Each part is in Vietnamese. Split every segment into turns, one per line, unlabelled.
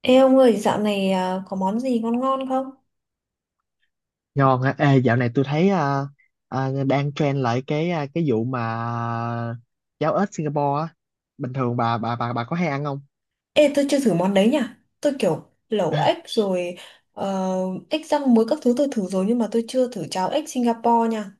Ê ông ơi, dạo này có món gì ngon ngon không?
Ngon á, ê dạo này tôi thấy đang trend lại cái vụ mà cháo ếch Singapore á. Bình thường bà có hay ăn không?
Ê, tôi chưa thử món đấy nhỉ? Tôi kiểu lẩu ếch rồi, ờ, ếch rang muối các thứ tôi thử rồi nhưng mà tôi chưa thử cháo ếch Singapore nha.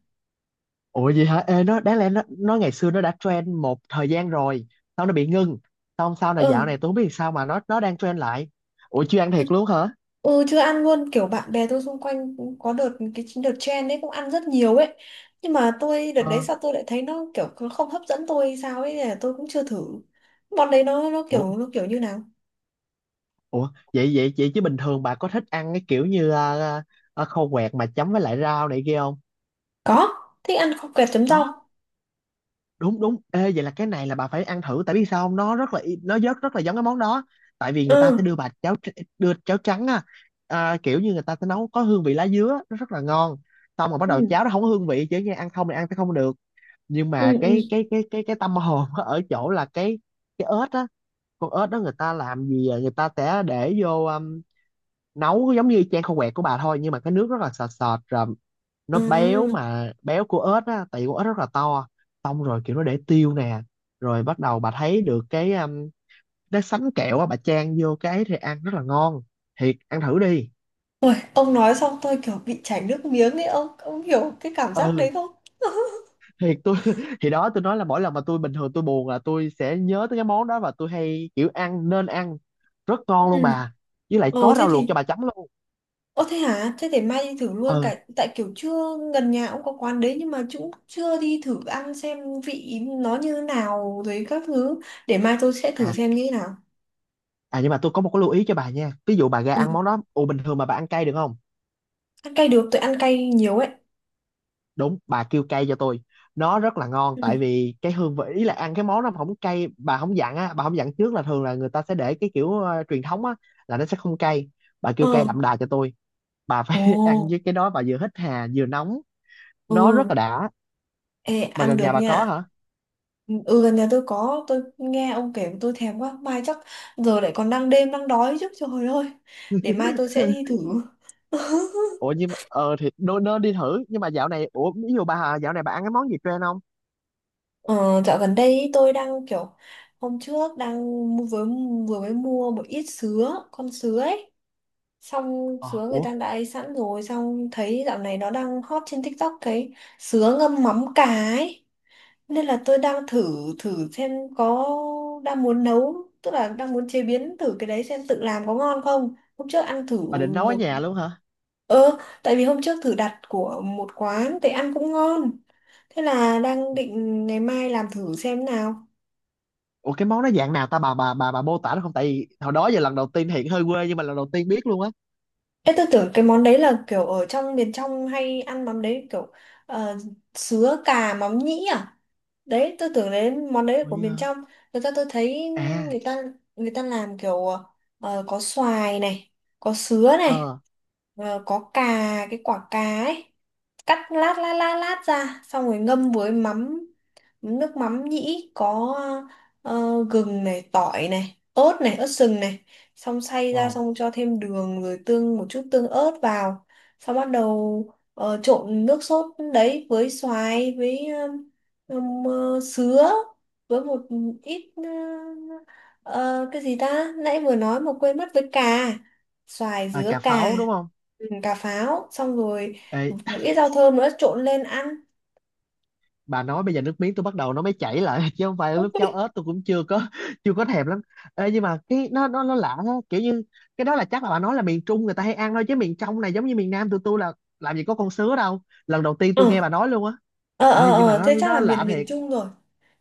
Ủa gì hả? Ê, nó đáng lẽ nó ngày xưa nó đã trend một thời gian rồi, xong nó bị ngưng. Xong sau này dạo
Ừ,
này tôi không biết sao mà nó đang trend lại. Ủa chưa ăn
thật-
thiệt luôn hả?
ừ, chưa ăn luôn, kiểu bạn bè tôi xung quanh cũng có đợt cái đợt trend đấy cũng ăn rất nhiều ấy. Nhưng mà tôi đợt đấy
Ờ,
sao tôi lại thấy nó kiểu nó không hấp dẫn tôi hay sao ấy, nên là tôi cũng chưa thử. Món đấy nó
ủa
kiểu nó kiểu như nào?
ủa vậy vậy vậy chứ bình thường bà có thích ăn cái kiểu như khô quẹt mà chấm với lại rau này kia không?
Có, thích ăn kho quẹt chấm
Đó,
rau.
đúng đúng, ê, vậy là cái này là bà phải ăn thử, tại biết sao không, nó rất là nó rất rất là giống cái món đó, tại vì người ta sẽ
Ừ.
đưa bà đưa cháo trắng á. Kiểu như người ta sẽ nấu có hương vị lá dứa, nó rất là ngon. Xong rồi bắt
Ừ.
đầu cháo nó không có hương vị, chứ nghe ăn không thì ăn sẽ không được, nhưng
Ừ,
mà
ừ.
cái tâm hồn ở chỗ là cái ớt á. Con ớt đó người ta làm gì à? Người ta sẽ để vô, nấu giống như chan khô quẹt của bà thôi, nhưng mà cái nước rất là sệt sệt rồi, nó béo
À.
mà béo của ếch á, tại vì con ếch rất là to. Xong rồi kiểu nó để tiêu nè, rồi bắt đầu bà thấy được cái, cái sánh kẹo á, bà chan vô cái ấy thì ăn rất là ngon. Thiệt, ăn thử đi.
Ôi, ông nói xong tôi kiểu bị chảy nước miếng ấy, ông hiểu cái cảm giác đấy
Ừ,
không?
thiệt, tôi thì đó, tôi nói là mỗi lần mà tôi bình thường tôi buồn là tôi sẽ nhớ tới cái món đó, và tôi hay kiểu ăn nên ăn rất ngon luôn
Ừ.
bà. Với lại
Ờ
có
thế
rau luộc cho
thì
bà chấm luôn.
ơ thế hả? Thế để mai đi thử luôn,
Ừ,
cả tại kiểu chưa, gần nhà ông có quán đấy nhưng mà chúng chưa đi thử ăn xem vị nó như thế nào rồi các thứ, để mai tôi sẽ thử
à
xem như thế nào.
nhưng mà tôi có một cái lưu ý cho bà nha. Ví dụ bà ra
Ừ.
ăn món đó, bình thường mà bà ăn cay được không?
Ăn cay được, tôi ăn cay nhiều ấy.
Đúng, bà kêu cay cho tôi, nó rất là ngon,
Ừ.
tại vì cái hương vị ý là ăn cái món nó không cay, bà không dặn á, bà không dặn trước, là thường là người ta sẽ để cái kiểu truyền thống á, là nó sẽ không cay. Bà kêu cay
Ờ.
đậm đà cho tôi, bà phải
Ồ,
ăn với cái đó, bà vừa hít hà vừa nóng,
ừ,
nó rất là đã.
ê,
Mà
ăn
gần
được
nhà bà có
nha.
hả?
Ừ, gần nhà tôi có. Tôi nghe ông kể tôi thèm quá. Mai chắc giờ lại còn đang đêm đang đói chứ, trời ơi. Để mai tôi sẽ đi thử.
Ủa, nhưng mà ờ thì nó, đi thử, nhưng mà dạo này, ủa, ví dụ bà Hà, dạo này bà ăn cái món gì trend không?
Ờ, dạo gần đây ý, tôi đang kiểu hôm trước đang vừa, vừa mới mua một ít sứa, con sứa ấy, xong
Ờ
sứa người
ủa
ta đã ấy sẵn rồi, xong thấy dạo này nó đang hot trên TikTok, cái sứa ngâm mắm cà ấy, nên là tôi đang thử, thử xem, có, đang muốn nấu, tức là đang muốn chế biến thử cái đấy xem tự làm có ngon không. Hôm trước ăn thử
Bà định nấu ở
một,
nhà luôn hả?
ờ, tại vì hôm trước thử đặt của một quán thì ăn cũng ngon, thế là đang định ngày mai làm thử xem nào.
Ủa cái món nó dạng nào ta, bà mô tả nó không, tại vì hồi đó giờ lần đầu tiên, hiện hơi quê, nhưng mà lần đầu tiên biết luôn á.
Ê, tôi tưởng cái món đấy là kiểu ở trong miền trong hay ăn mắm đấy kiểu, ờ, sứa cà mắm nhĩ à, đấy tôi tưởng đến món đấy là
Ủa
của
vậy
miền
hả?
trong. Người ta tôi thấy,
À.
người ta người ta làm kiểu, ờ, có xoài này, có sứa này,
Ờ.
ờ, có cà, cái quả cà ấy, cắt lát lát lát lát ra xong rồi ngâm với mắm, nước mắm nhĩ, có, ờ, gừng này, tỏi này, ớt này, ớt sừng này, xong xay ra
Wow.
xong cho thêm đường rồi tương một chút tương ớt vào, xong bắt đầu, ờ, trộn nước sốt đấy với xoài, với sứa, với một ít, ờ, cái gì ta nãy vừa nói mà quên mất, với cà, xoài
À,
dứa
cà
cà.
pháo đúng không?
Ừ, cà pháo. Xong rồi
Ê,
một ít rau thơm nữa trộn lên ăn.
bà nói bây giờ nước miếng tôi bắt đầu nó mới chảy lại, chứ không phải lúc cháo ớt tôi cũng chưa có, chưa có thèm lắm. Ê, nhưng mà cái nó lạ ha, kiểu như cái đó là chắc là bà nói là miền Trung người ta hay ăn thôi, chứ miền trong này giống như miền Nam tụi tôi là làm gì có con sứa đâu. Lần đầu tiên tôi nghe bà nói luôn á.
Ờ, ờ,
Ê, nhưng mà
ờ,
nó
thế chắc là
nó lạ
miền miền
thiệt.
Trung rồi,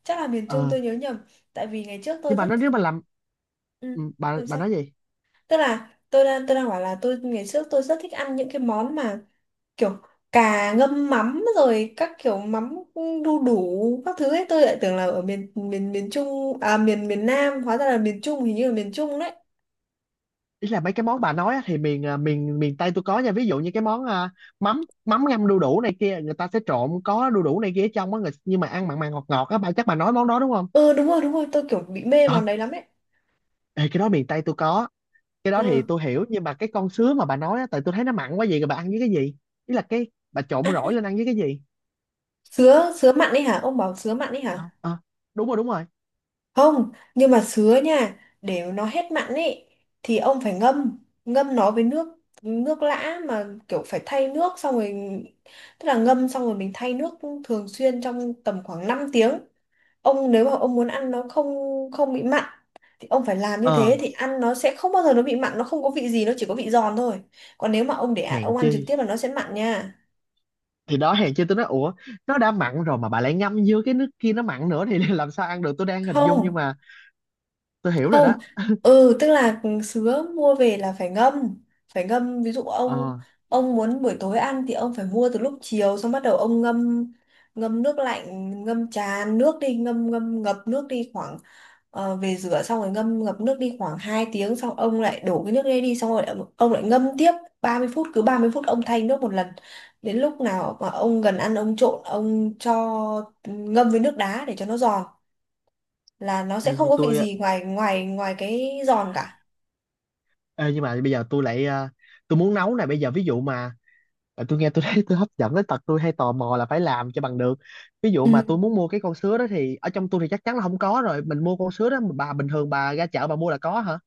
chắc là miền Trung
Ờ,
tôi nhớ nhầm. Tại vì ngày trước tôi
nhưng mà
rất
nó nếu
thích,
mà làm,
ừ,
bà
làm
bà
sao,
nói gì?
tức là tôi đang bảo là tôi ngày trước tôi rất thích ăn những cái món mà kiểu cà ngâm mắm rồi các kiểu mắm đu đủ các thứ ấy, tôi lại tưởng là ở miền miền miền Trung à, miền miền Nam, hóa ra là miền Trung, hình như là miền Trung đấy.
Ý là mấy cái món bà nói á, thì miền, à, miền miền Tây tôi có nha, ví dụ như cái món, mắm mắm ngâm đu đủ này kia, người ta sẽ trộn có đu đủ này kia ở trong á, người, nhưng mà ăn mặn mặn ngọt ngọt á, bà, chắc bà nói món đó đúng không?
Ừ đúng rồi, đúng rồi, tôi kiểu bị mê
ờ
món đấy lắm đấy.
Ê, cái đó miền Tây tôi có. Cái đó thì
Ừ.
tôi hiểu, nhưng mà cái con sứa mà bà nói á, tại tôi thấy nó mặn quá vậy rồi bà ăn với cái gì? Ý là cái, bà trộn
À,
rỗi lên ăn với cái gì?
sứa sứa mặn ấy hả, ông bảo sứa mặn ấy
Ờ,
hả?
ờ, đúng rồi, đúng rồi.
Không, nhưng mà sứa nha, để nó hết mặn ấy thì ông phải ngâm, ngâm nó với nước, nước lã, mà kiểu phải thay nước xong rồi, tức là ngâm xong rồi mình thay nước thường xuyên trong tầm khoảng 5 tiếng. Ông nếu mà ông muốn ăn nó không, không bị mặn thì ông phải làm như
ờ
thế thì ăn nó sẽ không bao giờ nó bị mặn, nó không có vị gì, nó chỉ có vị giòn thôi. Còn nếu mà ông để ạ,
Hèn
ông ăn
chi,
trực tiếp là nó sẽ mặn nha.
thì đó, hèn chi tôi nói ủa, nó đã mặn rồi mà bà lại ngâm vô cái nước kia nó mặn nữa thì làm sao ăn được, tôi đang hình dung. Nhưng
Không,
mà tôi hiểu rồi đó.
không, ừ, tức là sứa mua về là phải ngâm, phải ngâm. Ví dụ ông
ờ
ông muốn buổi tối ăn thì ông phải mua từ lúc chiều, xong bắt đầu ông ngâm, ngâm nước lạnh, ngâm tràn nước đi, ngâm ngâm ngập nước đi khoảng, ờ, về rửa xong rồi ngâm ngập nước đi khoảng 2 tiếng, xong ông lại đổ cái nước đấy đi, xong rồi ông lại ngâm tiếp 30 phút, cứ 30 phút ông thay nước một lần. Đến lúc nào mà ông gần ăn ông trộn, ông cho ngâm với nước đá để cho nó giòn là nó
Ê,
sẽ không
như
có
tôi
vị gì ngoài, ngoài, ngoài cái giòn cả.
Ê, nhưng mà bây giờ tôi lại, tôi muốn nấu này, bây giờ ví dụ mà, tôi nghe tôi thấy tôi hấp dẫn đến tật tôi hay tò mò là phải làm cho bằng được. Ví dụ mà
Ừ,
tôi muốn mua cái con sứa đó thì ở trong tôi thì chắc chắn là không có rồi, mình mua con sứa đó mà bà, bình thường bà ra chợ bà mua là có hả?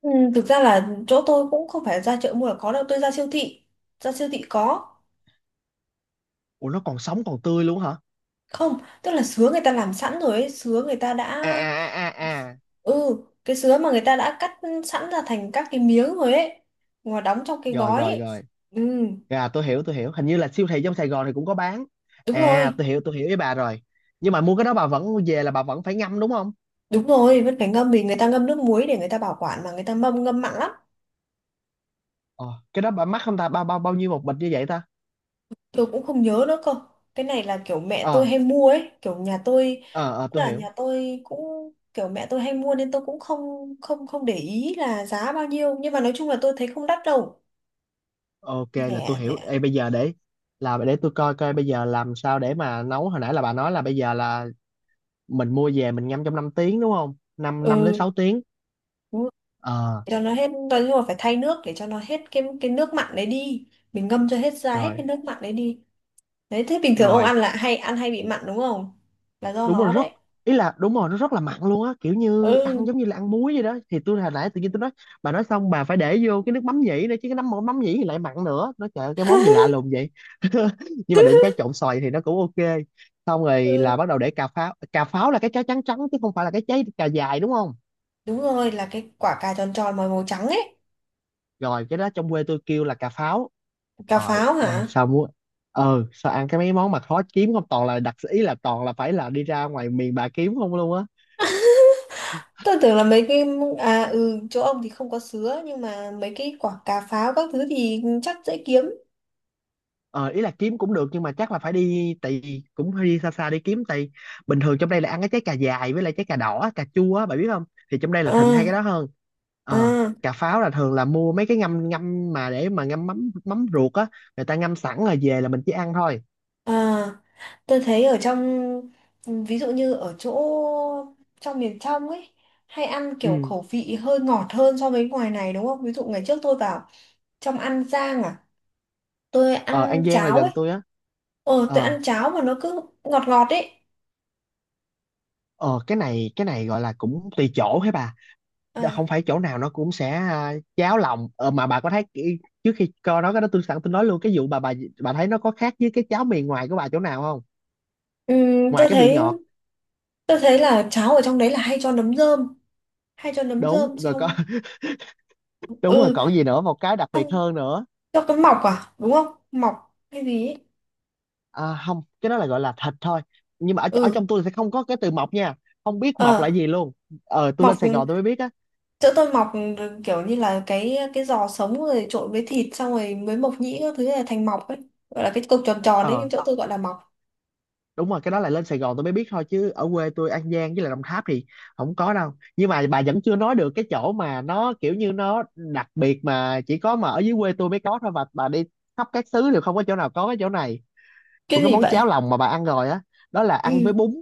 ừ, thực ra là chỗ tôi cũng không phải ra chợ mua là có đâu, tôi ra siêu thị, ra siêu thị có.
Ủa nó còn sống còn tươi luôn hả?
Không, tức là sứa người ta làm sẵn rồi ấy, sứa người ta
à
đã,
à à à à
ừ, cái sứa mà người ta đã cắt sẵn ra thành các cái miếng rồi ấy, mà đóng trong cái
Rồi,
gói
rồi,
ấy.
rồi.
Ừ.
Tôi hiểu, tôi hiểu, hình như là siêu thị trong Sài Gòn thì cũng có bán.
Đúng rồi,
Tôi hiểu, tôi hiểu với bà rồi. Nhưng mà mua cái đó bà vẫn về là bà vẫn phải ngâm đúng không?
đúng rồi, vẫn phải ngâm vì người ta ngâm nước muối để người ta bảo quản, mà người ta mâm ngâm mặn lắm.
ờ cái đó bà mắc không ta, bao bao bao nhiêu một bịch như vậy ta?
Tôi cũng không nhớ nữa cơ, cái này là kiểu mẹ tôi
Ờ,
hay mua ấy, kiểu nhà tôi.
ờ, ờ,
Tức
tôi
là
hiểu.
nhà tôi cũng kiểu mẹ tôi hay mua nên tôi cũng không không không để ý là giá bao nhiêu, nhưng mà nói chung là tôi thấy không đắt đâu,
Ok, là
rẻ
tôi hiểu.
rẻ.
Ê, bây giờ để tôi coi coi bây giờ làm sao để mà nấu, hồi nãy là bà nói là bây giờ là mình mua về mình ngâm trong 5 tiếng đúng không? Năm 5 đến
Ừ,
6 tiếng.
đúng rồi.
Ờ,
Để cho nó hết, nói chung là phải thay nước để cho nó hết cái nước mặn đấy đi, mình ngâm cho hết ra hết cái
rồi,
nước mặn đấy đi. Đấy, thế bình thường ông
rồi.
ăn là hay ăn hay bị mặn đúng không, là do
Đúng rồi
nó
rất
đấy.
Ý là đúng rồi, nó rất là mặn luôn á, kiểu như ăn
Ừ,
giống như là ăn muối vậy đó. Thì tôi hồi nãy tự nhiên tôi nói, bà nói xong bà phải để vô cái nước mắm nhĩ nữa, chứ cái nấm mắm nhĩ thì lại mặn nữa. Nó, trời ơi, cái món gì lạ lùng vậy. Nhưng mà đừng, cái trộn xoài thì nó cũng ok. Xong rồi là
ừ,
bắt đầu để cà pháo là cái trái trắng trắng chứ không phải là cái trái cà dài đúng không?
đúng rồi, là cái quả cà tròn tròn màu màu trắng ấy.
Rồi, cái đó trong quê tôi kêu là cà pháo.
Cà
Rồi,
pháo
ê,
hả?
sao muốn ờ sao ăn cái mấy món mà khó kiếm không, toàn là ý là toàn là phải là đi ra ngoài miền bà kiếm không luôn á.
Tôi tưởng là mấy cái, à ừ, chỗ ông thì không có sứa nhưng mà mấy cái quả cà pháo các thứ thì chắc dễ kiếm.
Ờ Ý là kiếm cũng được, nhưng mà chắc là phải đi. Cũng phải đi xa xa đi kiếm. Bình thường trong đây là ăn cái trái cà dài với lại trái cà đỏ, cà chua á bà biết không, thì trong đây là thịnh hai
À
cái đó hơn. ờ
à
Cà pháo là thường là mua mấy cái ngâm ngâm mà để mà ngâm mắm, mắm ruột á, người ta ngâm sẵn rồi về là mình chỉ ăn thôi.
à, tôi thấy ở trong, ví dụ như ở chỗ trong miền trong ấy hay ăn kiểu
Ừ,
khẩu vị hơi ngọt hơn so với ngoài này đúng không? Ví dụ ngày trước tôi vào trong An Giang, tôi
ờ
ăn
An Giang là
cháo ấy.
gần tôi á.
Ờ tôi
ờ
ăn cháo mà nó cứ ngọt ngọt ấy.
Ờ, cái này gọi là cũng tùy chỗ hả bà?
À,
Không phải chỗ nào nó cũng sẽ, cháo lòng, mà bà có thấy. Trước khi coi nói cái đó tôi sẵn tôi nói luôn cái vụ, bà thấy nó có khác với cái cháo miền ngoài của bà chỗ nào không, ngoài
tôi
cái vị
thấy,
ngọt?
tôi thấy là cháo ở trong đấy là hay cho nấm rơm, hay cho nấm
Đúng
rơm,
rồi, có.
xong,
Đúng rồi,
ừ,
còn gì nữa, một cái đặc biệt
xong
hơn nữa?
cho cái mọc à đúng không, mọc hay gì ấy.
À, không, cái đó là gọi là thịt thôi, nhưng mà ở
Ừ,
trong tôi sẽ không có cái từ mọc nha, không biết
ờ,
mọc là gì luôn. Tôi
mọc,
lên Sài Gòn tôi mới biết á.
chỗ tôi mọc kiểu như là cái giò sống rồi trộn với thịt xong rồi mới mộc nhĩ các thứ là thành mọc ấy, gọi là cái cục tròn tròn ấy, nhưng
Ờ,
chỗ tôi gọi là mọc.
đúng rồi, cái đó là lên Sài Gòn tôi mới biết thôi, chứ ở quê tôi An Giang với lại Đồng Tháp thì không có đâu. Nhưng mà bà vẫn chưa nói được cái chỗ mà nó kiểu như nó đặc biệt, mà chỉ có mà ở dưới quê tôi mới có thôi, và bà đi khắp các xứ đều không có chỗ nào có, cái chỗ này
Cái
của cái
gì
món
vậy?
cháo lòng mà bà ăn rồi á, đó là ăn
Ừ,
với bún.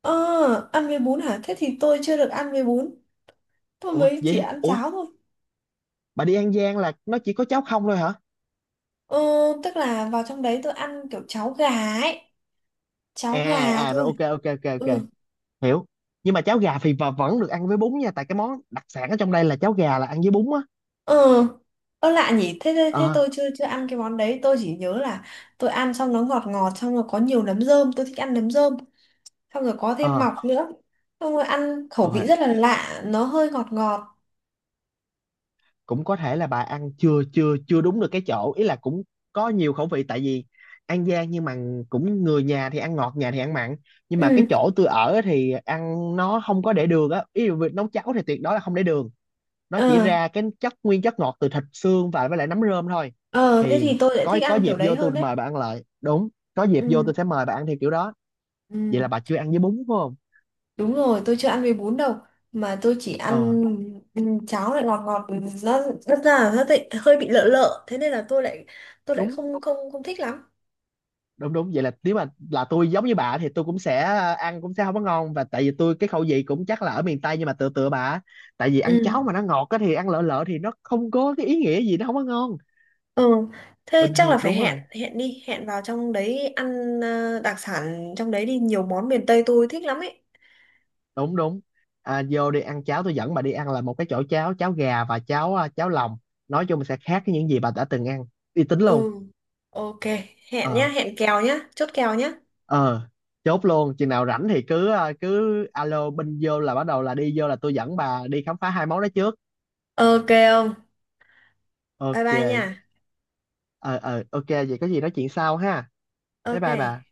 ờ ăn với bún hả, thế thì tôi chưa được ăn với bún, tôi
Ủa
mới chỉ
vậy?
ăn
Ủa,
cháo thôi.
bà đi An Giang là nó chỉ có cháo không thôi hả?
Ờ tức là vào trong đấy tôi ăn kiểu cháo gà ấy, cháo gà
Rồi,
thôi.
ok, ok, ok, ok,
Ừ.
hiểu. Nhưng mà cháo gà thì bà vẫn được ăn với bún nha, tại cái món đặc sản ở trong đây là cháo gà là ăn với bún á.
Ừ, ơ lạ nhỉ, thế, thế thế
Ờ,
tôi chưa chưa ăn cái món đấy, tôi chỉ nhớ là tôi ăn xong nó ngọt ngọt, xong rồi có nhiều nấm rơm, tôi thích ăn nấm rơm, xong rồi có thêm
ờ,
mọc nữa. Xong rồi ăn khẩu
ờ,
vị rất là lạ, nó hơi ngọt ngọt.
cũng có thể là bà ăn chưa chưa chưa đúng được cái chỗ, ý là cũng có nhiều khẩu vị, tại vì An Giang nhưng mà cũng, người nhà thì ăn ngọt, nhà thì ăn mặn. Nhưng mà
Ừ,
cái chỗ tôi ở thì ăn nó không có để đường á, ý là việc nấu cháo thì tuyệt đối là không để đường, nó chỉ
ờ,
ra cái chất nguyên, chất ngọt từ thịt xương và với lại nấm rơm thôi.
ờ thế
Thì
thì tôi lại
có
thích
có
ăn kiểu
dịp
đấy
vô tôi
hơn đấy.
mời bà ăn lại, đúng, có dịp vô
Ừ,
tôi sẽ mời bà ăn theo kiểu đó.
ừ,
Vậy là bà chưa ăn với bún phải không?
đúng rồi, tôi chưa ăn với bún đâu, mà tôi chỉ
Ờ,
ăn, ừ, cháo lại ngọt ngọt, nó rất ra nó lại hơi bị lợ lợ, thế nên là tôi lại
đúng,
không không không thích lắm.
đúng, đúng, vậy là nếu mà là tôi giống như bà thì tôi cũng sẽ ăn cũng sẽ không có ngon, và tại vì tôi cái khẩu vị cũng chắc là ở miền Tây nhưng mà tựa tựa bà, tại vì ăn
Ừ.
cháo mà nó ngọt á thì ăn lợ lợ thì nó không có cái ý nghĩa gì, nó không có ngon.
Ừ, thế
Bình
chắc là
thường
phải
đúng
hẹn,
rồi,
hẹn đi hẹn vào trong đấy ăn, ờ, đặc sản trong đấy đi, nhiều món miền Tây tôi thích lắm ấy.
đúng, đúng. Vô đi ăn cháo, tôi dẫn bà đi ăn là một cái chỗ cháo cháo gà và cháo lòng, nói chung sẽ khác với những gì bà đã từng ăn, uy tín luôn.
Ừ, ok, hẹn
Ờ,
nhá, hẹn kèo nhá, chốt kèo nhá.
ờ, chốt luôn, chừng nào rảnh thì cứ, alo bên vô là bắt đầu là đi vô là tôi dẫn bà đi khám phá hai món đó trước.
Ok không? Bye
Ok.
bye nha.
Ờ, ờ, ok, vậy có gì nói chuyện sau ha. Bye bye bà.
Ok.